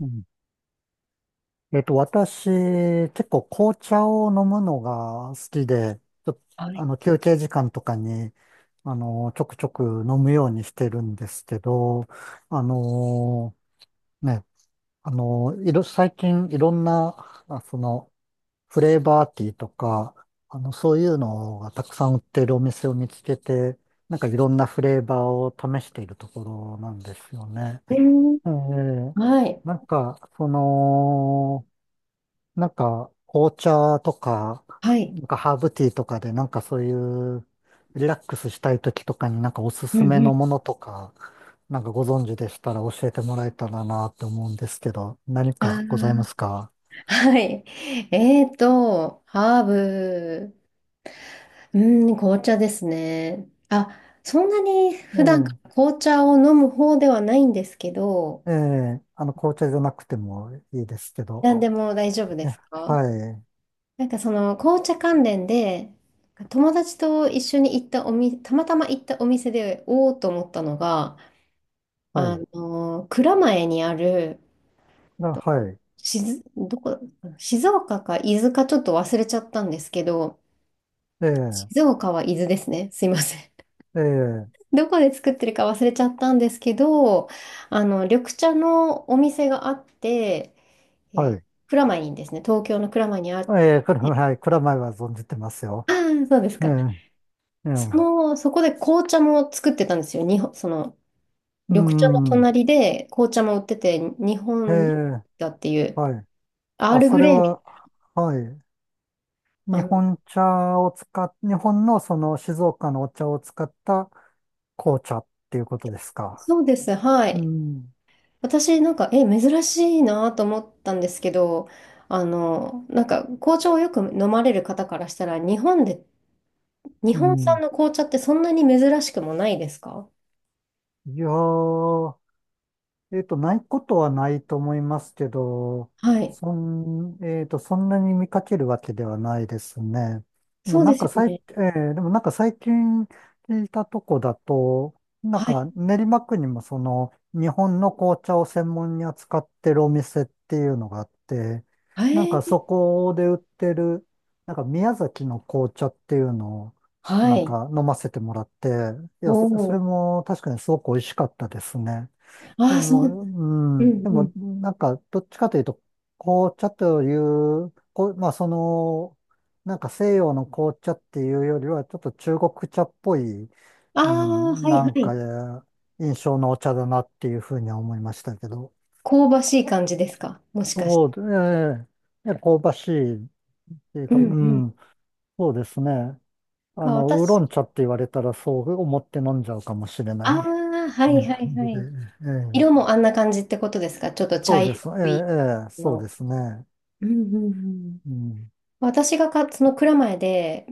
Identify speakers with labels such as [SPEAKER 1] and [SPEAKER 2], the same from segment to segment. [SPEAKER 1] うん。私、結構紅茶を飲むのが好きで、ちょ、
[SPEAKER 2] は
[SPEAKER 1] あ
[SPEAKER 2] い。
[SPEAKER 1] の、休憩時間とかに、ちょくちょく飲むようにしてるんですけど、あのね、あのいろ、最近いろんな、あ、その、フレーバーティーとか、そういうのがたくさん売ってるお店を見つけて、なんかいろんなフレーバーを試しているところなんですよね。
[SPEAKER 2] えー、
[SPEAKER 1] えー
[SPEAKER 2] はい。
[SPEAKER 1] なんか、紅茶とか、
[SPEAKER 2] はい。
[SPEAKER 1] なんかハーブティーとかで、なんかそういうリラックスしたい時とかになんかおす
[SPEAKER 2] う
[SPEAKER 1] す
[SPEAKER 2] ん
[SPEAKER 1] め
[SPEAKER 2] う
[SPEAKER 1] のも
[SPEAKER 2] ん。
[SPEAKER 1] のとか、なんかご存知でしたら教えてもらえたらなって思うんですけど、何
[SPEAKER 2] あ
[SPEAKER 1] かございますか？
[SPEAKER 2] あ、はい。ハーブ。うん、紅茶ですね。あ、そんなに
[SPEAKER 1] え
[SPEAKER 2] 普段か
[SPEAKER 1] え、
[SPEAKER 2] ら紅茶を飲む方ではないんですけど、
[SPEAKER 1] ええ、紅茶じゃなくてもいいですけど。
[SPEAKER 2] 何でも大丈夫
[SPEAKER 1] え
[SPEAKER 2] ですか？
[SPEAKER 1] はい、
[SPEAKER 2] なんかその紅茶関連で、友達と一緒に行ったお店、たまたま行ったお店で、おおと思ったのが、
[SPEAKER 1] はい、
[SPEAKER 2] 蔵前にある、
[SPEAKER 1] あ
[SPEAKER 2] と
[SPEAKER 1] はい、
[SPEAKER 2] 静どこ、静岡か伊豆かちょっと忘れちゃったんですけど、
[SPEAKER 1] ええ、
[SPEAKER 2] 静岡は伊豆ですね。すいません。
[SPEAKER 1] ええ、
[SPEAKER 2] どこで作ってるか忘れちゃったんですけど、緑茶のお店があって、え
[SPEAKER 1] は
[SPEAKER 2] ー
[SPEAKER 1] い、
[SPEAKER 2] 蔵前にですね、東京の蔵前に
[SPEAKER 1] ええ、はい、蔵前は存じてますよ。
[SPEAKER 2] そうです
[SPEAKER 1] ええ、
[SPEAKER 2] か。
[SPEAKER 1] ええ、
[SPEAKER 2] そこで紅茶も作ってたんですよ。日本、その、
[SPEAKER 1] う
[SPEAKER 2] 緑茶の
[SPEAKER 1] ん、
[SPEAKER 2] 隣で紅茶も売ってて、日
[SPEAKER 1] え
[SPEAKER 2] 本
[SPEAKER 1] え、
[SPEAKER 2] だっていう、
[SPEAKER 1] はい。
[SPEAKER 2] アー
[SPEAKER 1] あ、
[SPEAKER 2] ル
[SPEAKER 1] そ
[SPEAKER 2] グ
[SPEAKER 1] れ
[SPEAKER 2] レイみた
[SPEAKER 1] は、
[SPEAKER 2] い
[SPEAKER 1] はい。
[SPEAKER 2] な、
[SPEAKER 1] 日本茶を使っ、日本のその静岡のお茶を使った紅茶っていうことですか？
[SPEAKER 2] そうです、は
[SPEAKER 1] う
[SPEAKER 2] い。
[SPEAKER 1] ん。
[SPEAKER 2] 私なんか、珍しいなと思ったんですけど、なんか紅茶をよく飲まれる方からしたら、日本で、日
[SPEAKER 1] う
[SPEAKER 2] 本産
[SPEAKER 1] ん。
[SPEAKER 2] の紅茶ってそんなに珍しくもないですか？
[SPEAKER 1] いやーないことはないと思いますけど、
[SPEAKER 2] はい。
[SPEAKER 1] そん、えっと、そんなに見かけるわけではないですね。
[SPEAKER 2] そうですよね。
[SPEAKER 1] でもなんか最近聞いたとこだと、なん
[SPEAKER 2] はい。
[SPEAKER 1] か練馬区にもその日本の紅茶を専門に扱ってるお店っていうのがあって、
[SPEAKER 2] え
[SPEAKER 1] なんか
[SPEAKER 2] ー、
[SPEAKER 1] そこで売ってる、なんか宮崎の紅茶っていうのを
[SPEAKER 2] は
[SPEAKER 1] なん
[SPEAKER 2] い。
[SPEAKER 1] か飲ませてもらって、い
[SPEAKER 2] お
[SPEAKER 1] や、それ
[SPEAKER 2] お。
[SPEAKER 1] も確かにすごく美味しかったですね。
[SPEAKER 2] あ
[SPEAKER 1] で
[SPEAKER 2] あ、そう。
[SPEAKER 1] も、う
[SPEAKER 2] う
[SPEAKER 1] ん、
[SPEAKER 2] ん
[SPEAKER 1] で
[SPEAKER 2] う
[SPEAKER 1] も、
[SPEAKER 2] ん。
[SPEAKER 1] なんか、どっちかというと、紅茶という、こう、まあ、その、なんか西洋の紅茶っていうよりは、ちょっと中国茶っぽい、
[SPEAKER 2] あ
[SPEAKER 1] う
[SPEAKER 2] あ、
[SPEAKER 1] ん、
[SPEAKER 2] はい
[SPEAKER 1] な
[SPEAKER 2] は
[SPEAKER 1] んか、
[SPEAKER 2] い。
[SPEAKER 1] 印象のお茶だなっていうふうには思いましたけど。
[SPEAKER 2] 香ばしい感じですか？もしかして。
[SPEAKER 1] そうで、ええね香ばしいっていう
[SPEAKER 2] う
[SPEAKER 1] か、う
[SPEAKER 2] んうん。
[SPEAKER 1] ん、そうですね。
[SPEAKER 2] か、
[SPEAKER 1] ウー
[SPEAKER 2] 私、
[SPEAKER 1] ロン茶って言われたら、そう思って飲んじゃうかもしれな
[SPEAKER 2] あ
[SPEAKER 1] い、
[SPEAKER 2] あ、は
[SPEAKER 1] な
[SPEAKER 2] い
[SPEAKER 1] ん
[SPEAKER 2] は
[SPEAKER 1] か
[SPEAKER 2] い
[SPEAKER 1] 感じ
[SPEAKER 2] は
[SPEAKER 1] で。
[SPEAKER 2] い。
[SPEAKER 1] ええ
[SPEAKER 2] 色もあんな感じってことですか？ちょっと
[SPEAKER 1] そ
[SPEAKER 2] 茶
[SPEAKER 1] うで
[SPEAKER 2] 色
[SPEAKER 1] す。ええ、
[SPEAKER 2] い
[SPEAKER 1] ええそう
[SPEAKER 2] の。
[SPEAKER 1] ですね。
[SPEAKER 2] うんうんうん。
[SPEAKER 1] うん。
[SPEAKER 2] 私がか、その蔵前で、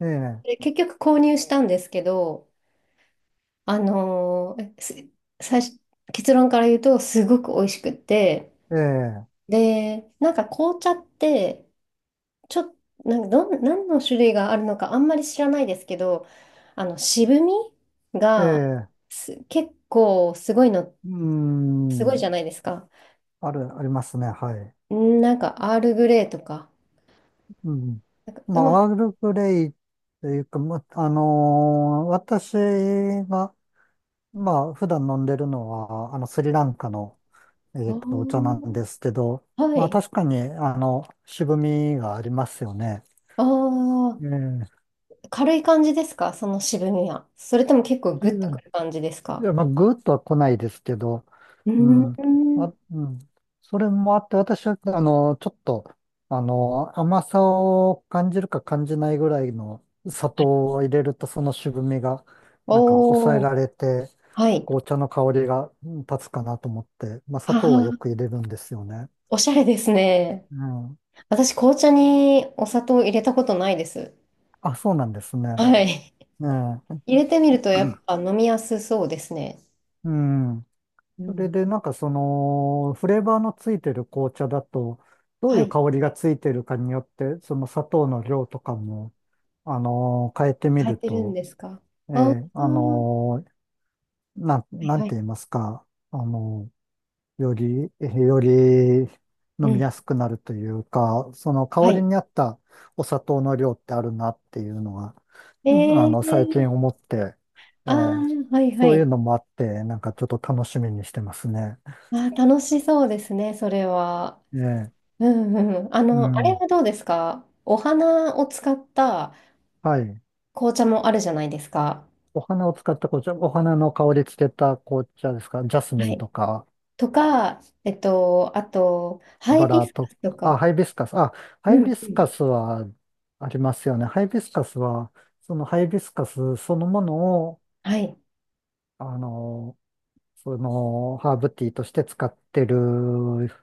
[SPEAKER 1] ええ、
[SPEAKER 2] で結局購入したんですけど、あのーす最初、結論から言うと、すごく美味しくって、
[SPEAKER 1] ええ、
[SPEAKER 2] で、なんか紅茶って、ちょっと、なんかどん、何の種類があるのかあんまり知らないですけど、渋み
[SPEAKER 1] え
[SPEAKER 2] が
[SPEAKER 1] え、
[SPEAKER 2] 結構すごいの、
[SPEAKER 1] うー
[SPEAKER 2] すごいじ
[SPEAKER 1] ん。
[SPEAKER 2] ゃないですか。
[SPEAKER 1] ありますね。はい。
[SPEAKER 2] なんか、アールグレイとか、
[SPEAKER 1] うん。
[SPEAKER 2] なんか
[SPEAKER 1] ま
[SPEAKER 2] うま、
[SPEAKER 1] あ、アールグレイというか、ま、あのー私が、まあ、普段飲んでるのは、スリランカの、
[SPEAKER 2] そ
[SPEAKER 1] お茶なん
[SPEAKER 2] う、
[SPEAKER 1] ですけど、
[SPEAKER 2] は
[SPEAKER 1] まあ、
[SPEAKER 2] い。
[SPEAKER 1] 確かに、渋みがありますよね。
[SPEAKER 2] ああ。
[SPEAKER 1] え
[SPEAKER 2] 軽い感じですか？その渋みは。それとも結構グッとくる
[SPEAKER 1] え、
[SPEAKER 2] 感じです
[SPEAKER 1] い
[SPEAKER 2] か？
[SPEAKER 1] や、まあ、ぐーっとは来ないですけど、
[SPEAKER 2] う
[SPEAKER 1] う
[SPEAKER 2] ー
[SPEAKER 1] ん。
[SPEAKER 2] ん。
[SPEAKER 1] あ、うん。それもあって、私は、あの、ちょっと、あの、甘さを感じるか感じないぐらいの砂糖を入れると、その渋みが、なんか抑え
[SPEAKER 2] おー、
[SPEAKER 1] られて、
[SPEAKER 2] はい。
[SPEAKER 1] 紅茶の香りが立つかなと思って、まあ、砂
[SPEAKER 2] は
[SPEAKER 1] 糖はよ
[SPEAKER 2] は、
[SPEAKER 1] く入れるんですよね。
[SPEAKER 2] おしゃれですね。
[SPEAKER 1] うん。
[SPEAKER 2] 私、紅茶にお砂糖入れたことないです。
[SPEAKER 1] あ、そうなんですね。
[SPEAKER 2] はい。
[SPEAKER 1] ねえ。
[SPEAKER 2] 入れてみると、やっぱ飲みやすそうですね。
[SPEAKER 1] うん。
[SPEAKER 2] う
[SPEAKER 1] それ
[SPEAKER 2] ん。
[SPEAKER 1] で、フレーバーのついてる紅茶だと、どう
[SPEAKER 2] は
[SPEAKER 1] いう
[SPEAKER 2] い。
[SPEAKER 1] 香りがついてるかによって、その砂糖の量とかも、変えてみ
[SPEAKER 2] 変え
[SPEAKER 1] る
[SPEAKER 2] てるん
[SPEAKER 1] と、
[SPEAKER 2] ですか？
[SPEAKER 1] え
[SPEAKER 2] ああ
[SPEAKER 1] ーあ
[SPEAKER 2] ー、
[SPEAKER 1] の
[SPEAKER 2] はい
[SPEAKER 1] なん
[SPEAKER 2] は
[SPEAKER 1] て
[SPEAKER 2] い。
[SPEAKER 1] 言いますか、あのーより、より
[SPEAKER 2] う
[SPEAKER 1] 飲み
[SPEAKER 2] ん。
[SPEAKER 1] やすくなるというか、その
[SPEAKER 2] は
[SPEAKER 1] 香り
[SPEAKER 2] い。
[SPEAKER 1] に合ったお砂糖の量ってあるなっていうのが、
[SPEAKER 2] え
[SPEAKER 1] 最
[SPEAKER 2] ー、
[SPEAKER 1] 近思って、え
[SPEAKER 2] ああ
[SPEAKER 1] ー
[SPEAKER 2] はいは
[SPEAKER 1] そう
[SPEAKER 2] い。
[SPEAKER 1] いうのもあって、なんかちょっと楽しみにしてますね。
[SPEAKER 2] ああ楽しそうですね、それは。
[SPEAKER 1] ええ
[SPEAKER 2] うんうん。
[SPEAKER 1] う
[SPEAKER 2] あれ
[SPEAKER 1] ん。
[SPEAKER 2] はどうですか？お花を使った
[SPEAKER 1] はい。
[SPEAKER 2] 紅茶もあるじゃないですか。
[SPEAKER 1] お花を使った紅茶、お花の香りつけた紅茶ですか？ジャスミ
[SPEAKER 2] は
[SPEAKER 1] ン
[SPEAKER 2] い。
[SPEAKER 1] とか、
[SPEAKER 2] とか、あと、ハ
[SPEAKER 1] バ
[SPEAKER 2] イビ
[SPEAKER 1] ラ
[SPEAKER 2] スカ
[SPEAKER 1] と
[SPEAKER 2] スと
[SPEAKER 1] か、あ、
[SPEAKER 2] か。
[SPEAKER 1] ハイビスカス。あ、
[SPEAKER 2] う
[SPEAKER 1] ハイ
[SPEAKER 2] ん
[SPEAKER 1] ビ
[SPEAKER 2] う
[SPEAKER 1] ス
[SPEAKER 2] ん。
[SPEAKER 1] カスはありますよね。ハイビスカスは、そのハイビスカスそのものを、
[SPEAKER 2] はい。
[SPEAKER 1] あの、ハーブティーとして使ってる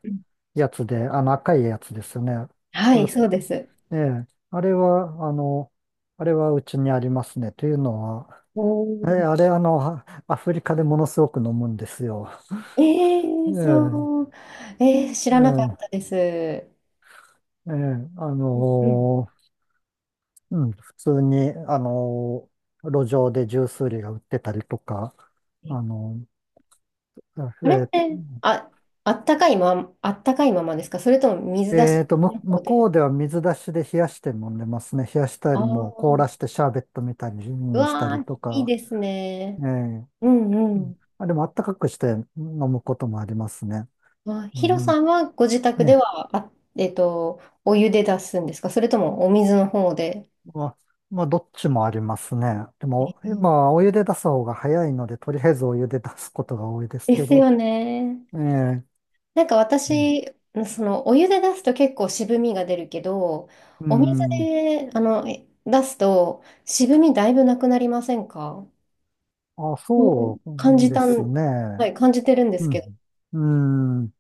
[SPEAKER 2] うん
[SPEAKER 1] やつで、あの赤いやつですよね。
[SPEAKER 2] は
[SPEAKER 1] う
[SPEAKER 2] い、そうです。
[SPEAKER 1] ええ、あれは、あれはうちにありますね。というのは、
[SPEAKER 2] お
[SPEAKER 1] え
[SPEAKER 2] ー
[SPEAKER 1] あれ、あの、アフリカでものすごく飲むんですよ。
[SPEAKER 2] え
[SPEAKER 1] え
[SPEAKER 2] ー、
[SPEAKER 1] え、
[SPEAKER 2] そう。えー、知
[SPEAKER 1] え
[SPEAKER 2] らなか
[SPEAKER 1] え、
[SPEAKER 2] ったです。
[SPEAKER 1] ええ、あ
[SPEAKER 2] うん
[SPEAKER 1] のーうん、普通に、路上でジュース売りが売ってたりとか、
[SPEAKER 2] うん、
[SPEAKER 1] あの
[SPEAKER 2] あれっ
[SPEAKER 1] ー
[SPEAKER 2] て、あ、あったかいままですか？それとも水出しの
[SPEAKER 1] 向
[SPEAKER 2] 方
[SPEAKER 1] こ
[SPEAKER 2] で。
[SPEAKER 1] うでは水出しで冷やして飲んでますね。冷やした
[SPEAKER 2] あ
[SPEAKER 1] りも、凍
[SPEAKER 2] あ、
[SPEAKER 1] らしてシャーベットみたい
[SPEAKER 2] う
[SPEAKER 1] にした
[SPEAKER 2] わ
[SPEAKER 1] り
[SPEAKER 2] ー、
[SPEAKER 1] と
[SPEAKER 2] いい
[SPEAKER 1] か、
[SPEAKER 2] です
[SPEAKER 1] え
[SPEAKER 2] ね。
[SPEAKER 1] え、
[SPEAKER 2] うん
[SPEAKER 1] う
[SPEAKER 2] う
[SPEAKER 1] ん
[SPEAKER 2] ん。
[SPEAKER 1] あ、でもあったかくして飲むこともありますね。
[SPEAKER 2] まあ、
[SPEAKER 1] う
[SPEAKER 2] ヒロ
[SPEAKER 1] ん、
[SPEAKER 2] さんはご自宅
[SPEAKER 1] え
[SPEAKER 2] で
[SPEAKER 1] え
[SPEAKER 2] は、あ、お湯で出すんですか？それともお水の方で。
[SPEAKER 1] まあ、まあ、どっちもありますね。で
[SPEAKER 2] え
[SPEAKER 1] も、
[SPEAKER 2] ー
[SPEAKER 1] 今お湯で出す方が早いので、とりあえずお湯で出すことが多いです
[SPEAKER 2] で
[SPEAKER 1] け
[SPEAKER 2] す
[SPEAKER 1] ど。
[SPEAKER 2] よね。
[SPEAKER 1] ええ
[SPEAKER 2] なんか
[SPEAKER 1] うん。
[SPEAKER 2] 私、そのお湯で出すと結構渋みが出るけど、
[SPEAKER 1] う
[SPEAKER 2] お水
[SPEAKER 1] ん
[SPEAKER 2] で、出すと渋みだいぶなくなりませんか？
[SPEAKER 1] あ、
[SPEAKER 2] そう
[SPEAKER 1] そ
[SPEAKER 2] 感
[SPEAKER 1] う
[SPEAKER 2] じ
[SPEAKER 1] で
[SPEAKER 2] た
[SPEAKER 1] す
[SPEAKER 2] ん、は
[SPEAKER 1] ね。
[SPEAKER 2] い、感じてるんです
[SPEAKER 1] う
[SPEAKER 2] け
[SPEAKER 1] ん。うん。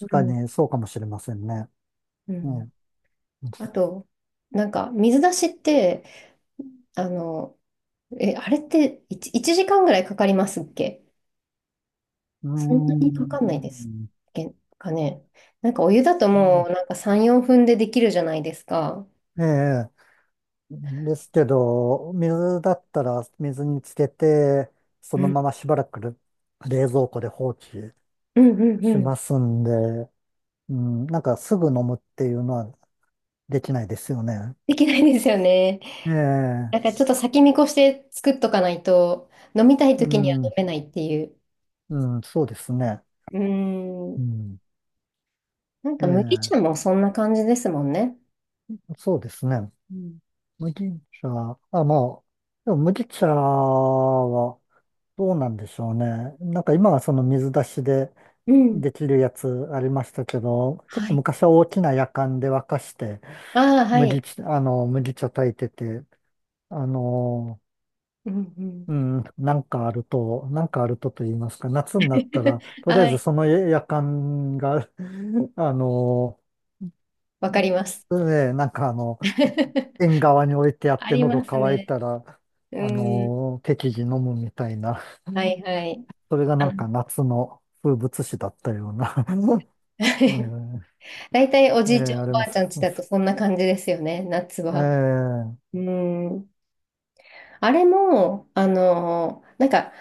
[SPEAKER 2] ど。う
[SPEAKER 1] か
[SPEAKER 2] ん
[SPEAKER 1] にそうかもしれませんね。
[SPEAKER 2] う
[SPEAKER 1] え
[SPEAKER 2] ん、
[SPEAKER 1] え、
[SPEAKER 2] あと、なんか水出しって、あの、あれって1、一時間ぐらいかかりますっけ？
[SPEAKER 1] う
[SPEAKER 2] そんなにかかんないです
[SPEAKER 1] ん。
[SPEAKER 2] けんかね。なんかお湯だともうなんか3、4分でできるじゃないですか。
[SPEAKER 1] ええ。ですけど、水だったら水につけて、そ
[SPEAKER 2] う
[SPEAKER 1] の
[SPEAKER 2] ん。
[SPEAKER 1] まましばらく冷蔵庫で放置
[SPEAKER 2] うんうんう
[SPEAKER 1] し
[SPEAKER 2] ん。
[SPEAKER 1] ますんで、うん、なんかすぐ飲むっていうのはできないですよね。
[SPEAKER 2] できないですよね。
[SPEAKER 1] ええ、
[SPEAKER 2] なんからちょっと先見越して作っとかないと、飲みたい
[SPEAKER 1] う
[SPEAKER 2] 時には飲
[SPEAKER 1] ん、
[SPEAKER 2] めないっていう。
[SPEAKER 1] うん、そうですね。
[SPEAKER 2] うー
[SPEAKER 1] う
[SPEAKER 2] ん。
[SPEAKER 1] ん、
[SPEAKER 2] なんか麦茶
[SPEAKER 1] え
[SPEAKER 2] もそんな感じですもんね。
[SPEAKER 1] え、そうですね。
[SPEAKER 2] うん。
[SPEAKER 1] 麦茶、あ、まあ、でも麦茶はどうなんでしょうね。なんか今はその水出しで
[SPEAKER 2] うん
[SPEAKER 1] できるやつありましたけど、結
[SPEAKER 2] は
[SPEAKER 1] 構
[SPEAKER 2] い。
[SPEAKER 1] 昔は大きなやかんで沸かして、
[SPEAKER 2] ああ、はい。
[SPEAKER 1] 麦茶炊いてて、あの、
[SPEAKER 2] うんうん。
[SPEAKER 1] うん、なんかあるとと言いますか、夏になったら、とりあえ
[SPEAKER 2] は
[SPEAKER 1] ず
[SPEAKER 2] い。
[SPEAKER 1] その夜間が、あの、
[SPEAKER 2] わかります。
[SPEAKER 1] ね、なんかあの、縁側に置いてあっ
[SPEAKER 2] あ
[SPEAKER 1] て
[SPEAKER 2] り
[SPEAKER 1] 喉
[SPEAKER 2] ます
[SPEAKER 1] 乾い
[SPEAKER 2] ね。
[SPEAKER 1] たら、
[SPEAKER 2] うん。
[SPEAKER 1] 適宜飲むみたいな、
[SPEAKER 2] はいはい。
[SPEAKER 1] それがな
[SPEAKER 2] あ
[SPEAKER 1] ん
[SPEAKER 2] の
[SPEAKER 1] か夏の風物詩だったような、ね
[SPEAKER 2] 大体お
[SPEAKER 1] え、え
[SPEAKER 2] じいち
[SPEAKER 1] え
[SPEAKER 2] ゃん
[SPEAKER 1] あ
[SPEAKER 2] お
[SPEAKER 1] り
[SPEAKER 2] ば
[SPEAKER 1] ま
[SPEAKER 2] あち
[SPEAKER 1] す。
[SPEAKER 2] ゃんちだとそんな感じですよね、夏は。
[SPEAKER 1] ええ
[SPEAKER 2] うん。あれも、なんか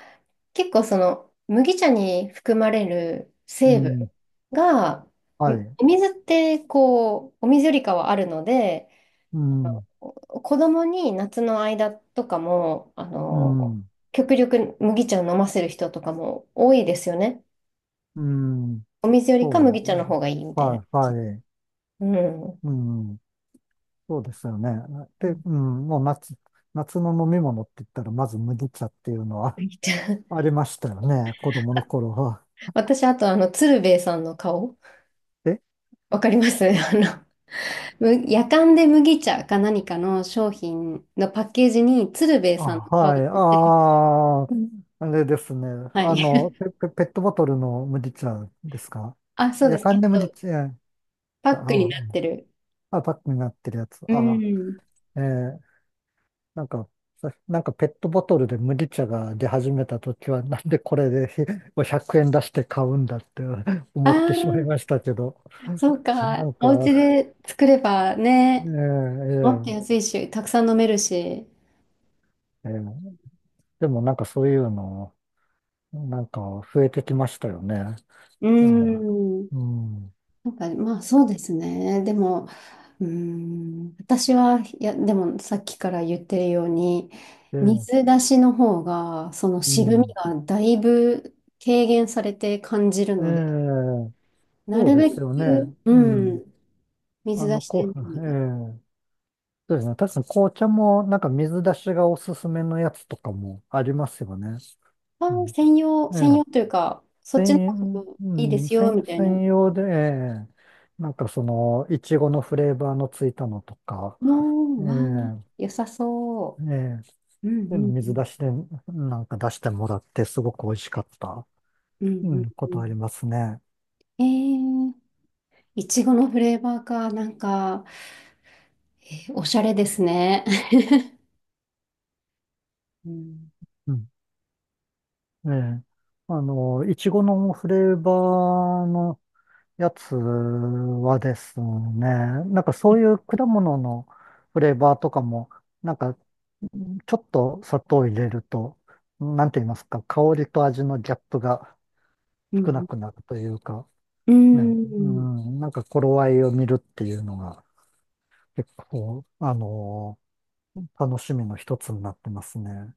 [SPEAKER 2] 結構その麦茶に含まれる
[SPEAKER 1] う
[SPEAKER 2] 成分
[SPEAKER 1] ん、
[SPEAKER 2] が、ん
[SPEAKER 1] はい、
[SPEAKER 2] お水ってこう、お水よりかはあるので、
[SPEAKER 1] うん、
[SPEAKER 2] お子供に夏の間とかも、
[SPEAKER 1] うん、
[SPEAKER 2] 極力麦茶を飲ませる人とかも多いですよね。
[SPEAKER 1] うん、
[SPEAKER 2] お水よりか
[SPEAKER 1] そ
[SPEAKER 2] 麦茶の方がいいみ
[SPEAKER 1] う、
[SPEAKER 2] たいな
[SPEAKER 1] は
[SPEAKER 2] 感
[SPEAKER 1] い、
[SPEAKER 2] じ。
[SPEAKER 1] はい、
[SPEAKER 2] うん。
[SPEAKER 1] うん。そうですよね。
[SPEAKER 2] う
[SPEAKER 1] で、
[SPEAKER 2] ん、
[SPEAKER 1] うん、もう夏の飲み物って言ったら、まず麦茶っていうのは
[SPEAKER 2] 麦茶。
[SPEAKER 1] ありましたよね、子供の頃は。
[SPEAKER 2] 私、あと、鶴瓶さんの顔、
[SPEAKER 1] え
[SPEAKER 2] わかります。 やかんで麦茶か何かの商品のパッケージに鶴瓶
[SPEAKER 1] あ、
[SPEAKER 2] さんの顔
[SPEAKER 1] は
[SPEAKER 2] が
[SPEAKER 1] い、あ
[SPEAKER 2] 入ってる。
[SPEAKER 1] ーうんあ、れですね。
[SPEAKER 2] はい。
[SPEAKER 1] ペットボトルの麦茶ですか？
[SPEAKER 2] あ、そうで
[SPEAKER 1] や
[SPEAKER 2] す。
[SPEAKER 1] か
[SPEAKER 2] あ
[SPEAKER 1] んで麦
[SPEAKER 2] と、
[SPEAKER 1] 茶、
[SPEAKER 2] パック
[SPEAKER 1] あ、
[SPEAKER 2] にな
[SPEAKER 1] う
[SPEAKER 2] っ
[SPEAKER 1] ん
[SPEAKER 2] てる。
[SPEAKER 1] パックになってるやつ。
[SPEAKER 2] うん。
[SPEAKER 1] ー、えーなんか、なんかペットボトルで麦茶が出始めた時は、なんでこれで100円出して買うんだって
[SPEAKER 2] あ
[SPEAKER 1] 思ってしまいま
[SPEAKER 2] あ、
[SPEAKER 1] したけど。
[SPEAKER 2] そう
[SPEAKER 1] な
[SPEAKER 2] か。
[SPEAKER 1] んか、
[SPEAKER 2] お家で作ればね、
[SPEAKER 1] ええ
[SPEAKER 2] もっと安いし、たくさん飲めるし。
[SPEAKER 1] ええええでもなんかそういうの、なんか増えてきましたよね。
[SPEAKER 2] う
[SPEAKER 1] うん。
[SPEAKER 2] ん。
[SPEAKER 1] うん。
[SPEAKER 2] なんか、まあ、そうですね。でも、うーん、私は、いや、でもさっきから言ってるように、
[SPEAKER 1] ええ
[SPEAKER 2] 水出しの方が、その
[SPEAKER 1] う
[SPEAKER 2] 渋み
[SPEAKER 1] ん。
[SPEAKER 2] がだいぶ軽減されて感じる
[SPEAKER 1] え
[SPEAKER 2] ので、
[SPEAKER 1] え
[SPEAKER 2] な
[SPEAKER 1] そう
[SPEAKER 2] る
[SPEAKER 1] で
[SPEAKER 2] べ
[SPEAKER 1] すよね。
[SPEAKER 2] く、
[SPEAKER 1] う
[SPEAKER 2] う
[SPEAKER 1] ん。
[SPEAKER 2] ん、水
[SPEAKER 1] あ
[SPEAKER 2] 出
[SPEAKER 1] の、
[SPEAKER 2] して
[SPEAKER 1] こ
[SPEAKER 2] る
[SPEAKER 1] う、え
[SPEAKER 2] のが、
[SPEAKER 1] えそうですね。確かに紅茶もなんか水出しがおすすめのやつとかもありますよね。
[SPEAKER 2] あ
[SPEAKER 1] う
[SPEAKER 2] ー、
[SPEAKER 1] ん。
[SPEAKER 2] 専用、
[SPEAKER 1] え
[SPEAKER 2] 専
[SPEAKER 1] え
[SPEAKER 2] 用というか、そっちの方
[SPEAKER 1] 専、
[SPEAKER 2] が
[SPEAKER 1] う
[SPEAKER 2] いいで
[SPEAKER 1] ん、
[SPEAKER 2] すよ、
[SPEAKER 1] 専、
[SPEAKER 2] みたいな
[SPEAKER 1] 専用で、ええいちごのフレーバーのついたのとか、え
[SPEAKER 2] のは、
[SPEAKER 1] え
[SPEAKER 2] 良さそ
[SPEAKER 1] ええ。
[SPEAKER 2] う。うん
[SPEAKER 1] で
[SPEAKER 2] う
[SPEAKER 1] も
[SPEAKER 2] んう
[SPEAKER 1] 水出
[SPEAKER 2] ん。
[SPEAKER 1] しで、なんか出してもらって、すごく美味しかった、
[SPEAKER 2] うん
[SPEAKER 1] う
[SPEAKER 2] うん
[SPEAKER 1] ん、こ
[SPEAKER 2] う
[SPEAKER 1] とあり
[SPEAKER 2] ん。
[SPEAKER 1] ますね。
[SPEAKER 2] えー、いちごのフレーバーか、なんか、えーおしゃれですね。うん
[SPEAKER 1] うん。ええ。あの、いちごのフレーバーのやつはですね、なんかそういう果物のフレーバーとかも、なんかちょっと砂糖を入れると、なんて言いますか、香りと味のギャップが
[SPEAKER 2] う
[SPEAKER 1] 少な
[SPEAKER 2] ん
[SPEAKER 1] くなるというか、
[SPEAKER 2] うー
[SPEAKER 1] ね、う
[SPEAKER 2] ん、
[SPEAKER 1] ん、なんか頃合いを見るっていうのが結構、あの楽しみの一つになってますね。